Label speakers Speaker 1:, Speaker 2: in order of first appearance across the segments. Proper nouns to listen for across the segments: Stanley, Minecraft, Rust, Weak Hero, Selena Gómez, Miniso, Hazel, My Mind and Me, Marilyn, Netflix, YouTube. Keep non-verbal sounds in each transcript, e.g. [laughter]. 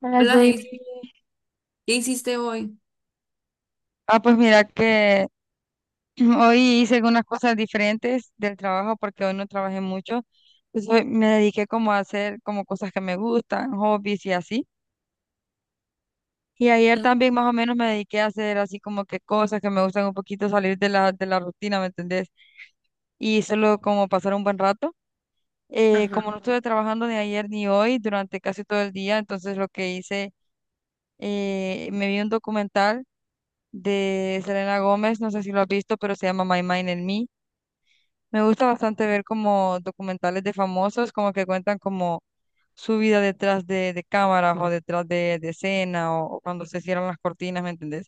Speaker 1: Hola,
Speaker 2: Hola,
Speaker 1: Jamie.
Speaker 2: Hazel, ¿qué hiciste hoy?
Speaker 1: Pues mira que [clears throat] hoy hice algunas cosas diferentes del trabajo porque hoy no trabajé mucho. Pues hoy me dediqué como a hacer como cosas que me gustan, hobbies y así. Y ayer
Speaker 2: Mm.
Speaker 1: también más o menos me dediqué a hacer así como que cosas que me gustan un poquito salir de la rutina, ¿me entendés? Y solo como pasar un buen rato. Eh,
Speaker 2: Ajá.
Speaker 1: como no estuve trabajando ni ayer ni hoy durante casi todo el día, entonces lo que hice, me vi un documental de Selena Gómez, no sé si lo has visto, pero se llama My Mind and Me. Me gusta bastante ver como documentales de famosos, como que cuentan como su vida detrás de cámaras o detrás de escena o cuando se cierran las cortinas, ¿me entendés?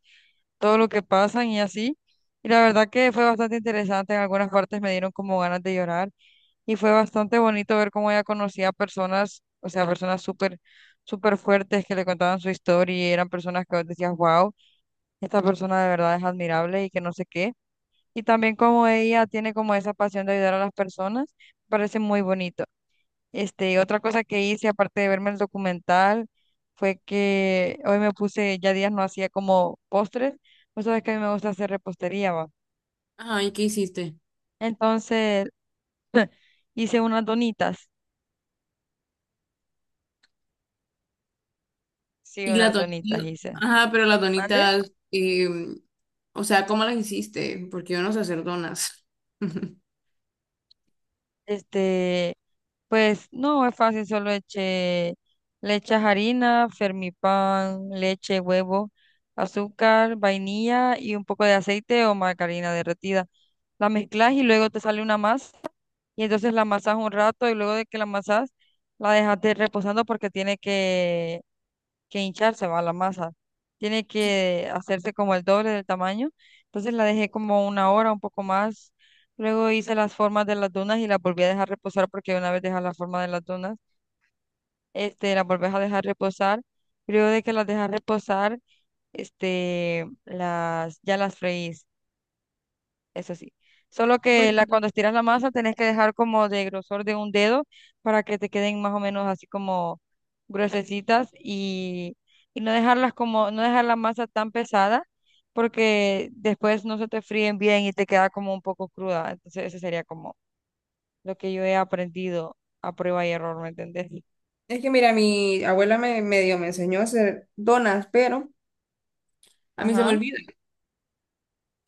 Speaker 1: Todo lo que pasan y así. Y la verdad que fue bastante interesante, en algunas partes me dieron como ganas de llorar y fue bastante bonito ver cómo ella conocía a personas, o sea, personas súper, súper fuertes que le contaban su historia y eran personas que vos decías, wow, esta persona de verdad es admirable y que no sé qué. Y también como ella tiene como esa pasión de ayudar a las personas, parece muy bonito. Este, y otra cosa que hice, aparte de verme el documental, fue que hoy me puse, ya días no hacía como postres. Vos sabés que a mí me gusta hacer repostería, va.
Speaker 2: Ajá, ¿y qué hiciste?
Speaker 1: Entonces, [clears throat] [laughs] hice unas donitas. Sí,
Speaker 2: Y la
Speaker 1: unas donitas
Speaker 2: tonita,
Speaker 1: hice.
Speaker 2: ajá, pero las
Speaker 1: ¿Mande?
Speaker 2: donitas, o sea, ¿cómo las hiciste? Porque yo no sé hacer donas. [laughs]
Speaker 1: Este, pues no es fácil, solo eche, le echas harina, fermipan, leche, huevo, azúcar, vainilla y un poco de aceite o margarina derretida. La mezclas y luego te sale una masa y entonces la amasas un rato y luego de que la amasas la dejas reposando porque tiene que hincharse, va la masa. Tiene que hacerse como el doble del tamaño. Entonces la dejé como una hora, un poco más. Luego hice las formas de las dunas y las volví a dejar reposar porque una vez dejas la forma de las dunas, este, las volvés a dejar reposar. Luego de que las dejas reposar, este, las, ya las freís, eso sí. Solo que
Speaker 2: Bueno,
Speaker 1: la,
Speaker 2: entonces-
Speaker 1: cuando estiras la masa tenés que dejar como de grosor de un dedo para que te queden más o menos así como gruesecitas y no dejarlas como, no dejar la masa tan pesada porque después no se te fríen bien y te queda como un poco cruda. Entonces ese sería como lo que yo he aprendido a prueba y error, ¿me entendés?
Speaker 2: Es que mira, mi abuela me medio me enseñó a hacer donas, pero a mí se me
Speaker 1: Ajá.
Speaker 2: olvida.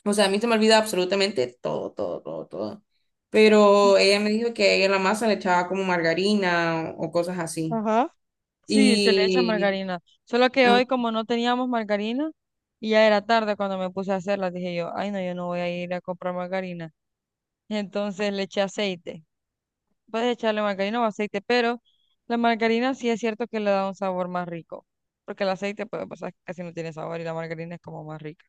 Speaker 2: O sea, a mí se me olvida absolutamente todo, todo, todo, todo. Pero ella me dijo que ella en la masa le echaba como margarina o cosas así.
Speaker 1: Ajá. Sí, se le echa. Sí,
Speaker 2: Y
Speaker 1: margarina. Solo que
Speaker 2: ah,
Speaker 1: hoy como no teníamos margarina y ya era tarde cuando me puse a hacerla, dije yo, ay, no, yo no voy a ir a comprar margarina. Entonces le eché aceite. Puedes echarle margarina o aceite, pero la margarina sí es cierto que le da un sabor más rico, porque el aceite puede pasar casi no tiene sabor y la margarina es como más rica,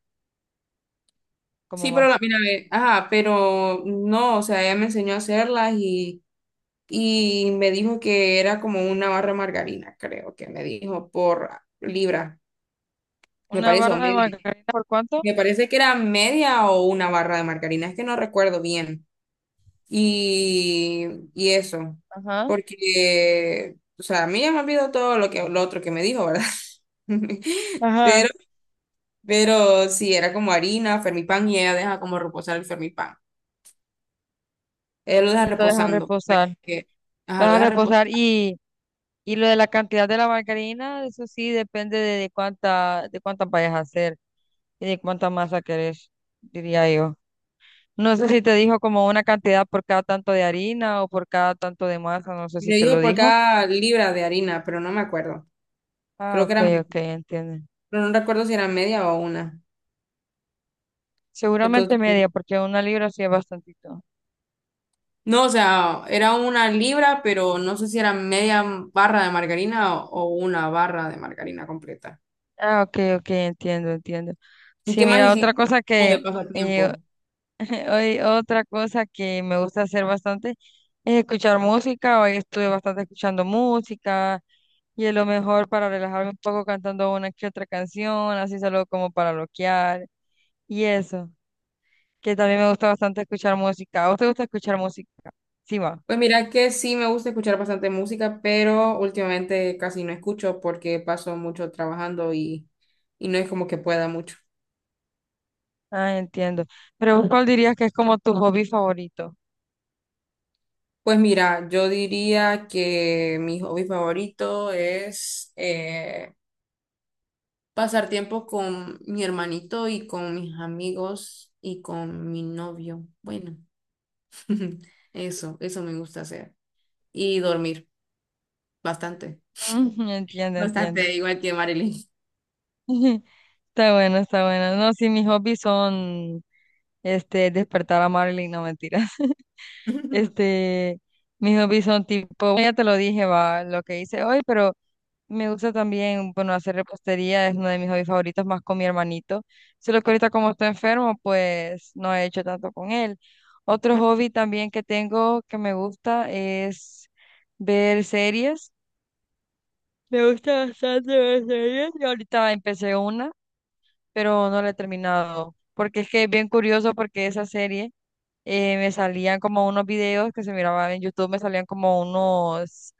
Speaker 1: como
Speaker 2: sí, pero la,
Speaker 1: más.
Speaker 2: mira, ve, ajá, pero no, o sea, ella me enseñó a hacerlas y me dijo que era como una barra de margarina, creo que me dijo, por libra, me
Speaker 1: Una
Speaker 2: parece, o
Speaker 1: barra de
Speaker 2: media.
Speaker 1: margarina, ¿por cuánto?
Speaker 2: Me parece que era media o una barra de margarina, es que no recuerdo bien. Y, y eso,
Speaker 1: Ajá.
Speaker 2: porque, o sea, a mí ya me olvidó todo lo que, lo otro que me dijo, ¿verdad? [laughs] Pero,
Speaker 1: Ajá.
Speaker 2: pero sí, era como harina, fermipan, y ella deja como reposar el fermipan. Ella lo deja
Speaker 1: Sí, lo dejas
Speaker 2: reposando, para
Speaker 1: reposar.
Speaker 2: que,
Speaker 1: Lo
Speaker 2: ajá, lo
Speaker 1: dejas
Speaker 2: deja reposar.
Speaker 1: reposar. Y. Y lo de la cantidad de la margarina, eso sí depende de cuánta, de cuántas vayas a hacer y de cuánta masa querés, diría yo. No sé si te dijo como una cantidad por cada tanto de harina o por cada tanto de masa, no sé si
Speaker 2: Me
Speaker 1: te lo
Speaker 2: dijo por
Speaker 1: dijo.
Speaker 2: cada libra de harina, pero no me acuerdo.
Speaker 1: Ah,
Speaker 2: Creo que
Speaker 1: ok,
Speaker 2: era mucho,
Speaker 1: ok, entiendo.
Speaker 2: pero no recuerdo si era media o una.
Speaker 1: Seguramente
Speaker 2: Entonces,
Speaker 1: media, porque una libra sí es bastantito.
Speaker 2: no, o sea, era una libra, pero no sé si era media barra de margarina o una barra de margarina completa.
Speaker 1: Ah, ok, ok, entiendo, entiendo.
Speaker 2: ¿Y
Speaker 1: Sí,
Speaker 2: ¿Qué más
Speaker 1: mira,
Speaker 2: hiciste
Speaker 1: otra cosa
Speaker 2: como
Speaker 1: que,
Speaker 2: de
Speaker 1: eh,
Speaker 2: pasatiempo?
Speaker 1: [laughs] hoy, otra cosa que me gusta hacer bastante es escuchar música. Hoy estuve bastante escuchando música. Y es lo mejor para relajarme un poco cantando una que otra canción, así solo como para bloquear. Y eso, que también me gusta bastante escuchar música. ¿A vos te gusta escuchar música? Sí, va.
Speaker 2: Pues mira que sí me gusta escuchar bastante música, pero últimamente casi no escucho porque paso mucho trabajando y no es como que pueda mucho.
Speaker 1: Ah, entiendo. Pero vos, ¿cuál dirías que es como tu hobby favorito?
Speaker 2: Pues mira, yo diría que mi hobby favorito es pasar tiempo con mi hermanito y con mis amigos y con mi novio. Bueno, [laughs] eso me gusta hacer. Y dormir bastante,
Speaker 1: [laughs] Mm, entiendo, entiendo.
Speaker 2: bastante, igual que Marilyn.
Speaker 1: [laughs] Está bueno, está bueno. No, sí, mis hobbies son, este, despertar a Marilyn, no, mentiras. [laughs]
Speaker 2: [laughs]
Speaker 1: Este, mis hobbies son tipo, ya te lo dije, va, lo que hice hoy, pero me gusta también, bueno, hacer repostería es uno de mis hobbies favoritos, más con mi hermanito. Solo que ahorita como está enfermo, pues no he hecho tanto con él. Otro hobby también que tengo que me gusta es ver series. Me gusta bastante ver series. Y ahorita empecé una, pero no la he terminado. Porque es que es bien curioso porque esa serie me salían como unos videos que se miraban en YouTube, me salían como unos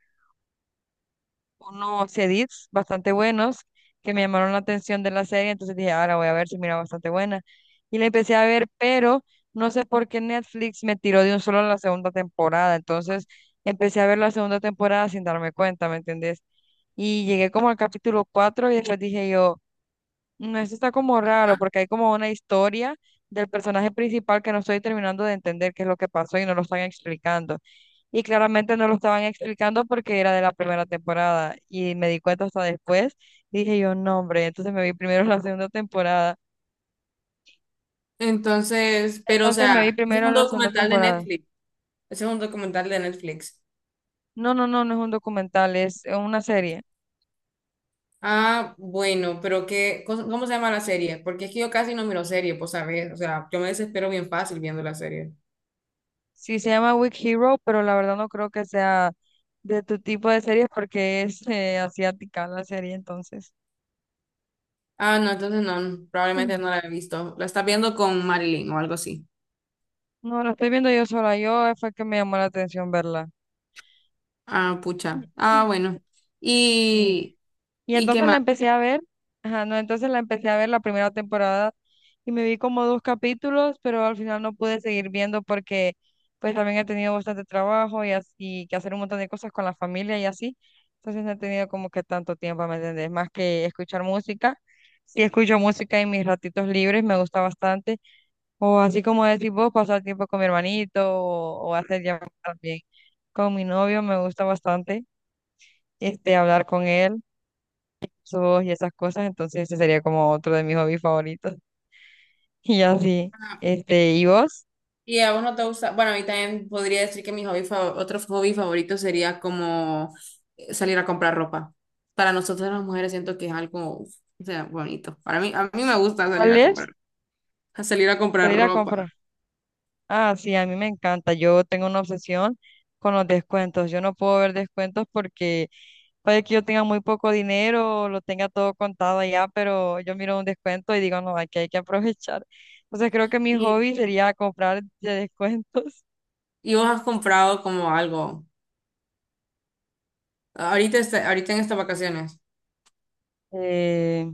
Speaker 1: unos edits bastante buenos que me llamaron la atención de la serie, entonces dije, ahora voy a ver si mira bastante buena. Y la empecé a ver, pero no sé por qué Netflix me tiró de un solo la segunda temporada, entonces empecé a ver la segunda temporada sin darme cuenta, ¿me entendés? Y llegué como al capítulo 4 y después dije yo, no, esto está como raro porque hay como una historia del personaje principal que no estoy terminando de entender qué es lo que pasó y no lo están explicando y claramente no lo estaban explicando porque era de la primera temporada y me di cuenta hasta después. Dije yo, no, hombre, entonces me vi primero la segunda temporada.
Speaker 2: Entonces, pero o
Speaker 1: Entonces me vi
Speaker 2: sea, ese es
Speaker 1: primero
Speaker 2: un
Speaker 1: la segunda
Speaker 2: documental de
Speaker 1: temporada.
Speaker 2: Netflix. Ese es un documental de Netflix.
Speaker 1: No, no, no, no es un documental, es una serie.
Speaker 2: Ah, bueno, pero qué, cos- ¿cómo se llama la serie? Porque es que yo casi no miro serie, pues sabes, o sea, yo me desespero bien fácil viendo la serie.
Speaker 1: Sí, se llama Weak Hero, pero la verdad no creo que sea de tu tipo de series porque es asiática la serie, entonces.
Speaker 2: Ah, no, entonces no, probablemente
Speaker 1: Mm.
Speaker 2: no la he visto. La estás viendo con Marilyn o algo así.
Speaker 1: No, la estoy viendo yo sola, yo fue que me llamó la atención verla.
Speaker 2: Ah,
Speaker 1: Mm,
Speaker 2: pucha. Ah,
Speaker 1: mm.
Speaker 2: bueno.
Speaker 1: Sí.
Speaker 2: ¿Y,
Speaker 1: Y
Speaker 2: y qué
Speaker 1: entonces
Speaker 2: más?
Speaker 1: la empecé a ver, ajá, no, entonces la empecé a ver la primera temporada y me vi como dos capítulos, pero al final no pude seguir viendo porque pues también he tenido bastante trabajo y así, que hacer un montón de cosas con la familia y así. Entonces no he tenido como que tanto tiempo, ¿me entendés? Más que escuchar música. Sí escucho música en mis ratitos libres, me gusta bastante. O así como decís vos, pasar tiempo con mi hermanito o hacer llamadas también con mi novio, me gusta bastante, este, hablar con él surf y esas cosas, entonces ese sería como otro de mis hobbies favoritos. [laughs] Y así, este, ¿y vos?
Speaker 2: Y a vos no te gusta, bueno, a mí también podría decir que mi hobby fa- otro hobby favorito sería como salir a comprar ropa. Para nosotras las mujeres siento que es algo, o sea, bonito. Para mí, a mí me gusta salir
Speaker 1: ¿Cuál
Speaker 2: a comprar,
Speaker 1: es?
Speaker 2: a salir a comprar
Speaker 1: Salir a
Speaker 2: ropa.
Speaker 1: comprar. Ah, sí, a mí me encanta. Yo tengo una obsesión con los descuentos. Yo no puedo ver descuentos porque puede que yo tenga muy poco dinero, lo tenga todo contado allá, pero yo miro un descuento y digo, no, aquí hay que aprovechar. Entonces creo que mi
Speaker 2: Y,
Speaker 1: hobby sería comprar de descuentos.
Speaker 2: y vos has comprado como algo, ahorita, este- ahorita en estas vacaciones,
Speaker 1: eh,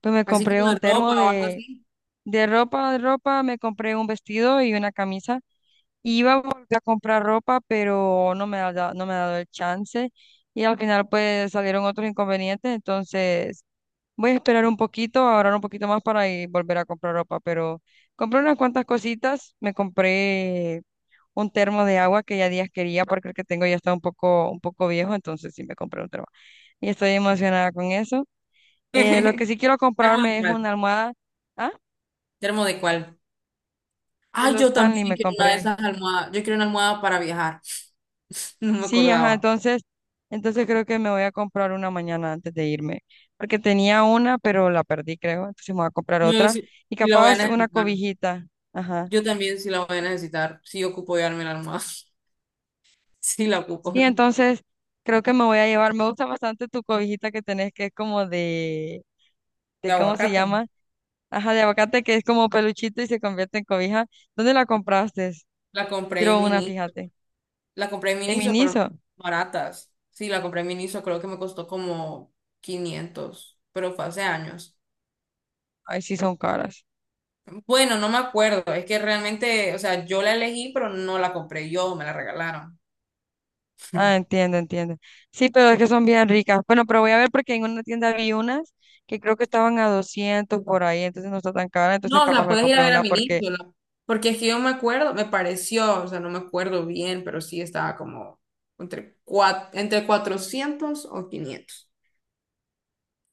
Speaker 1: pues me
Speaker 2: así
Speaker 1: compré
Speaker 2: como de
Speaker 1: un
Speaker 2: ropa
Speaker 1: termo
Speaker 2: o algo así.
Speaker 1: de ropa, me compré un vestido y una camisa. Y iba a volver a comprar ropa, pero no me ha dado, no me ha dado el chance. Y al final pues salieron otros inconvenientes, entonces voy a esperar un poquito, ahorrar un poquito más para ir, volver a comprar ropa. Pero compré unas cuantas cositas, me compré un termo de agua que ya días quería porque el que tengo ya está un poco viejo, entonces sí me compré un termo. Y estoy emocionada con eso. Lo que sí
Speaker 2: [laughs]
Speaker 1: quiero
Speaker 2: ¿Termo de
Speaker 1: comprarme es
Speaker 2: cuál?
Speaker 1: una almohada. Ah,
Speaker 2: ¿Termo de cuál?
Speaker 1: de
Speaker 2: Ay,
Speaker 1: los
Speaker 2: yo
Speaker 1: Stanley
Speaker 2: también
Speaker 1: me
Speaker 2: quiero una de
Speaker 1: compré.
Speaker 2: esas almohadas. Yo quiero una almohada para viajar. [laughs] No me
Speaker 1: Sí, ajá,
Speaker 2: acordaba.
Speaker 1: entonces, entonces creo que me voy a comprar una mañana antes de irme, porque tenía una, pero la perdí, creo. Entonces me voy a comprar
Speaker 2: No sé
Speaker 1: otra
Speaker 2: si,
Speaker 1: y
Speaker 2: si la voy a
Speaker 1: capaz una
Speaker 2: necesitar.
Speaker 1: cobijita. Ajá.
Speaker 2: Yo también sí la voy a necesitar. Sí ocupo llevarme la almohada. [laughs] Sí la ocupo.
Speaker 1: Sí, entonces creo que me voy a llevar. Me gusta bastante tu cobijita que tenés, que es como
Speaker 2: De
Speaker 1: de ¿cómo se
Speaker 2: aguacate.
Speaker 1: llama? Ajá, de aguacate, que es como peluchito y se convierte en cobija. ¿Dónde la compraste?
Speaker 2: La compré en
Speaker 1: Quiero una,
Speaker 2: Miniso.
Speaker 1: fíjate.
Speaker 2: La compré en
Speaker 1: En
Speaker 2: Miniso, pero no
Speaker 1: Miniso.
Speaker 2: baratas. Sí, la compré en Miniso. Creo que me costó como 500 pero fue hace años.
Speaker 1: Ay, sí, son caras.
Speaker 2: Bueno, no me acuerdo. Es que realmente, o sea, yo la elegí, pero no la compré yo. Me la regalaron.
Speaker 1: Ah, entiendo, entiendo. Sí, pero es que son bien ricas. Bueno, pero voy a ver porque en una tienda vi unas que creo que estaban a 200 por ahí, entonces no está tan cara, entonces
Speaker 2: No, o
Speaker 1: capaz
Speaker 2: sea,
Speaker 1: me
Speaker 2: puedes ir a
Speaker 1: compré
Speaker 2: ver a
Speaker 1: una porque...
Speaker 2: Miniso. La- Porque es que yo me acuerdo, me pareció, o sea, no me acuerdo bien, pero sí estaba como entre, cuat- entre 400 o 500.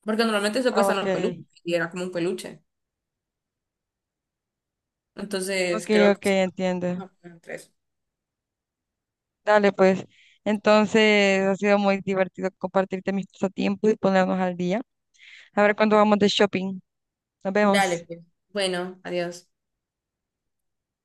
Speaker 2: Porque normalmente se
Speaker 1: Ah,
Speaker 2: cuestan
Speaker 1: ok,
Speaker 2: los peluches y era como un peluche. Entonces
Speaker 1: ok,
Speaker 2: creo que...
Speaker 1: ok, entiendo.
Speaker 2: Ah, bueno, entre eso.
Speaker 1: Dale, pues. Entonces ha sido muy divertido compartirte mis pasatiempos y ponernos al día. A ver cuándo vamos de shopping. Nos
Speaker 2: Dale,
Speaker 1: vemos.
Speaker 2: pues. Bueno, adiós.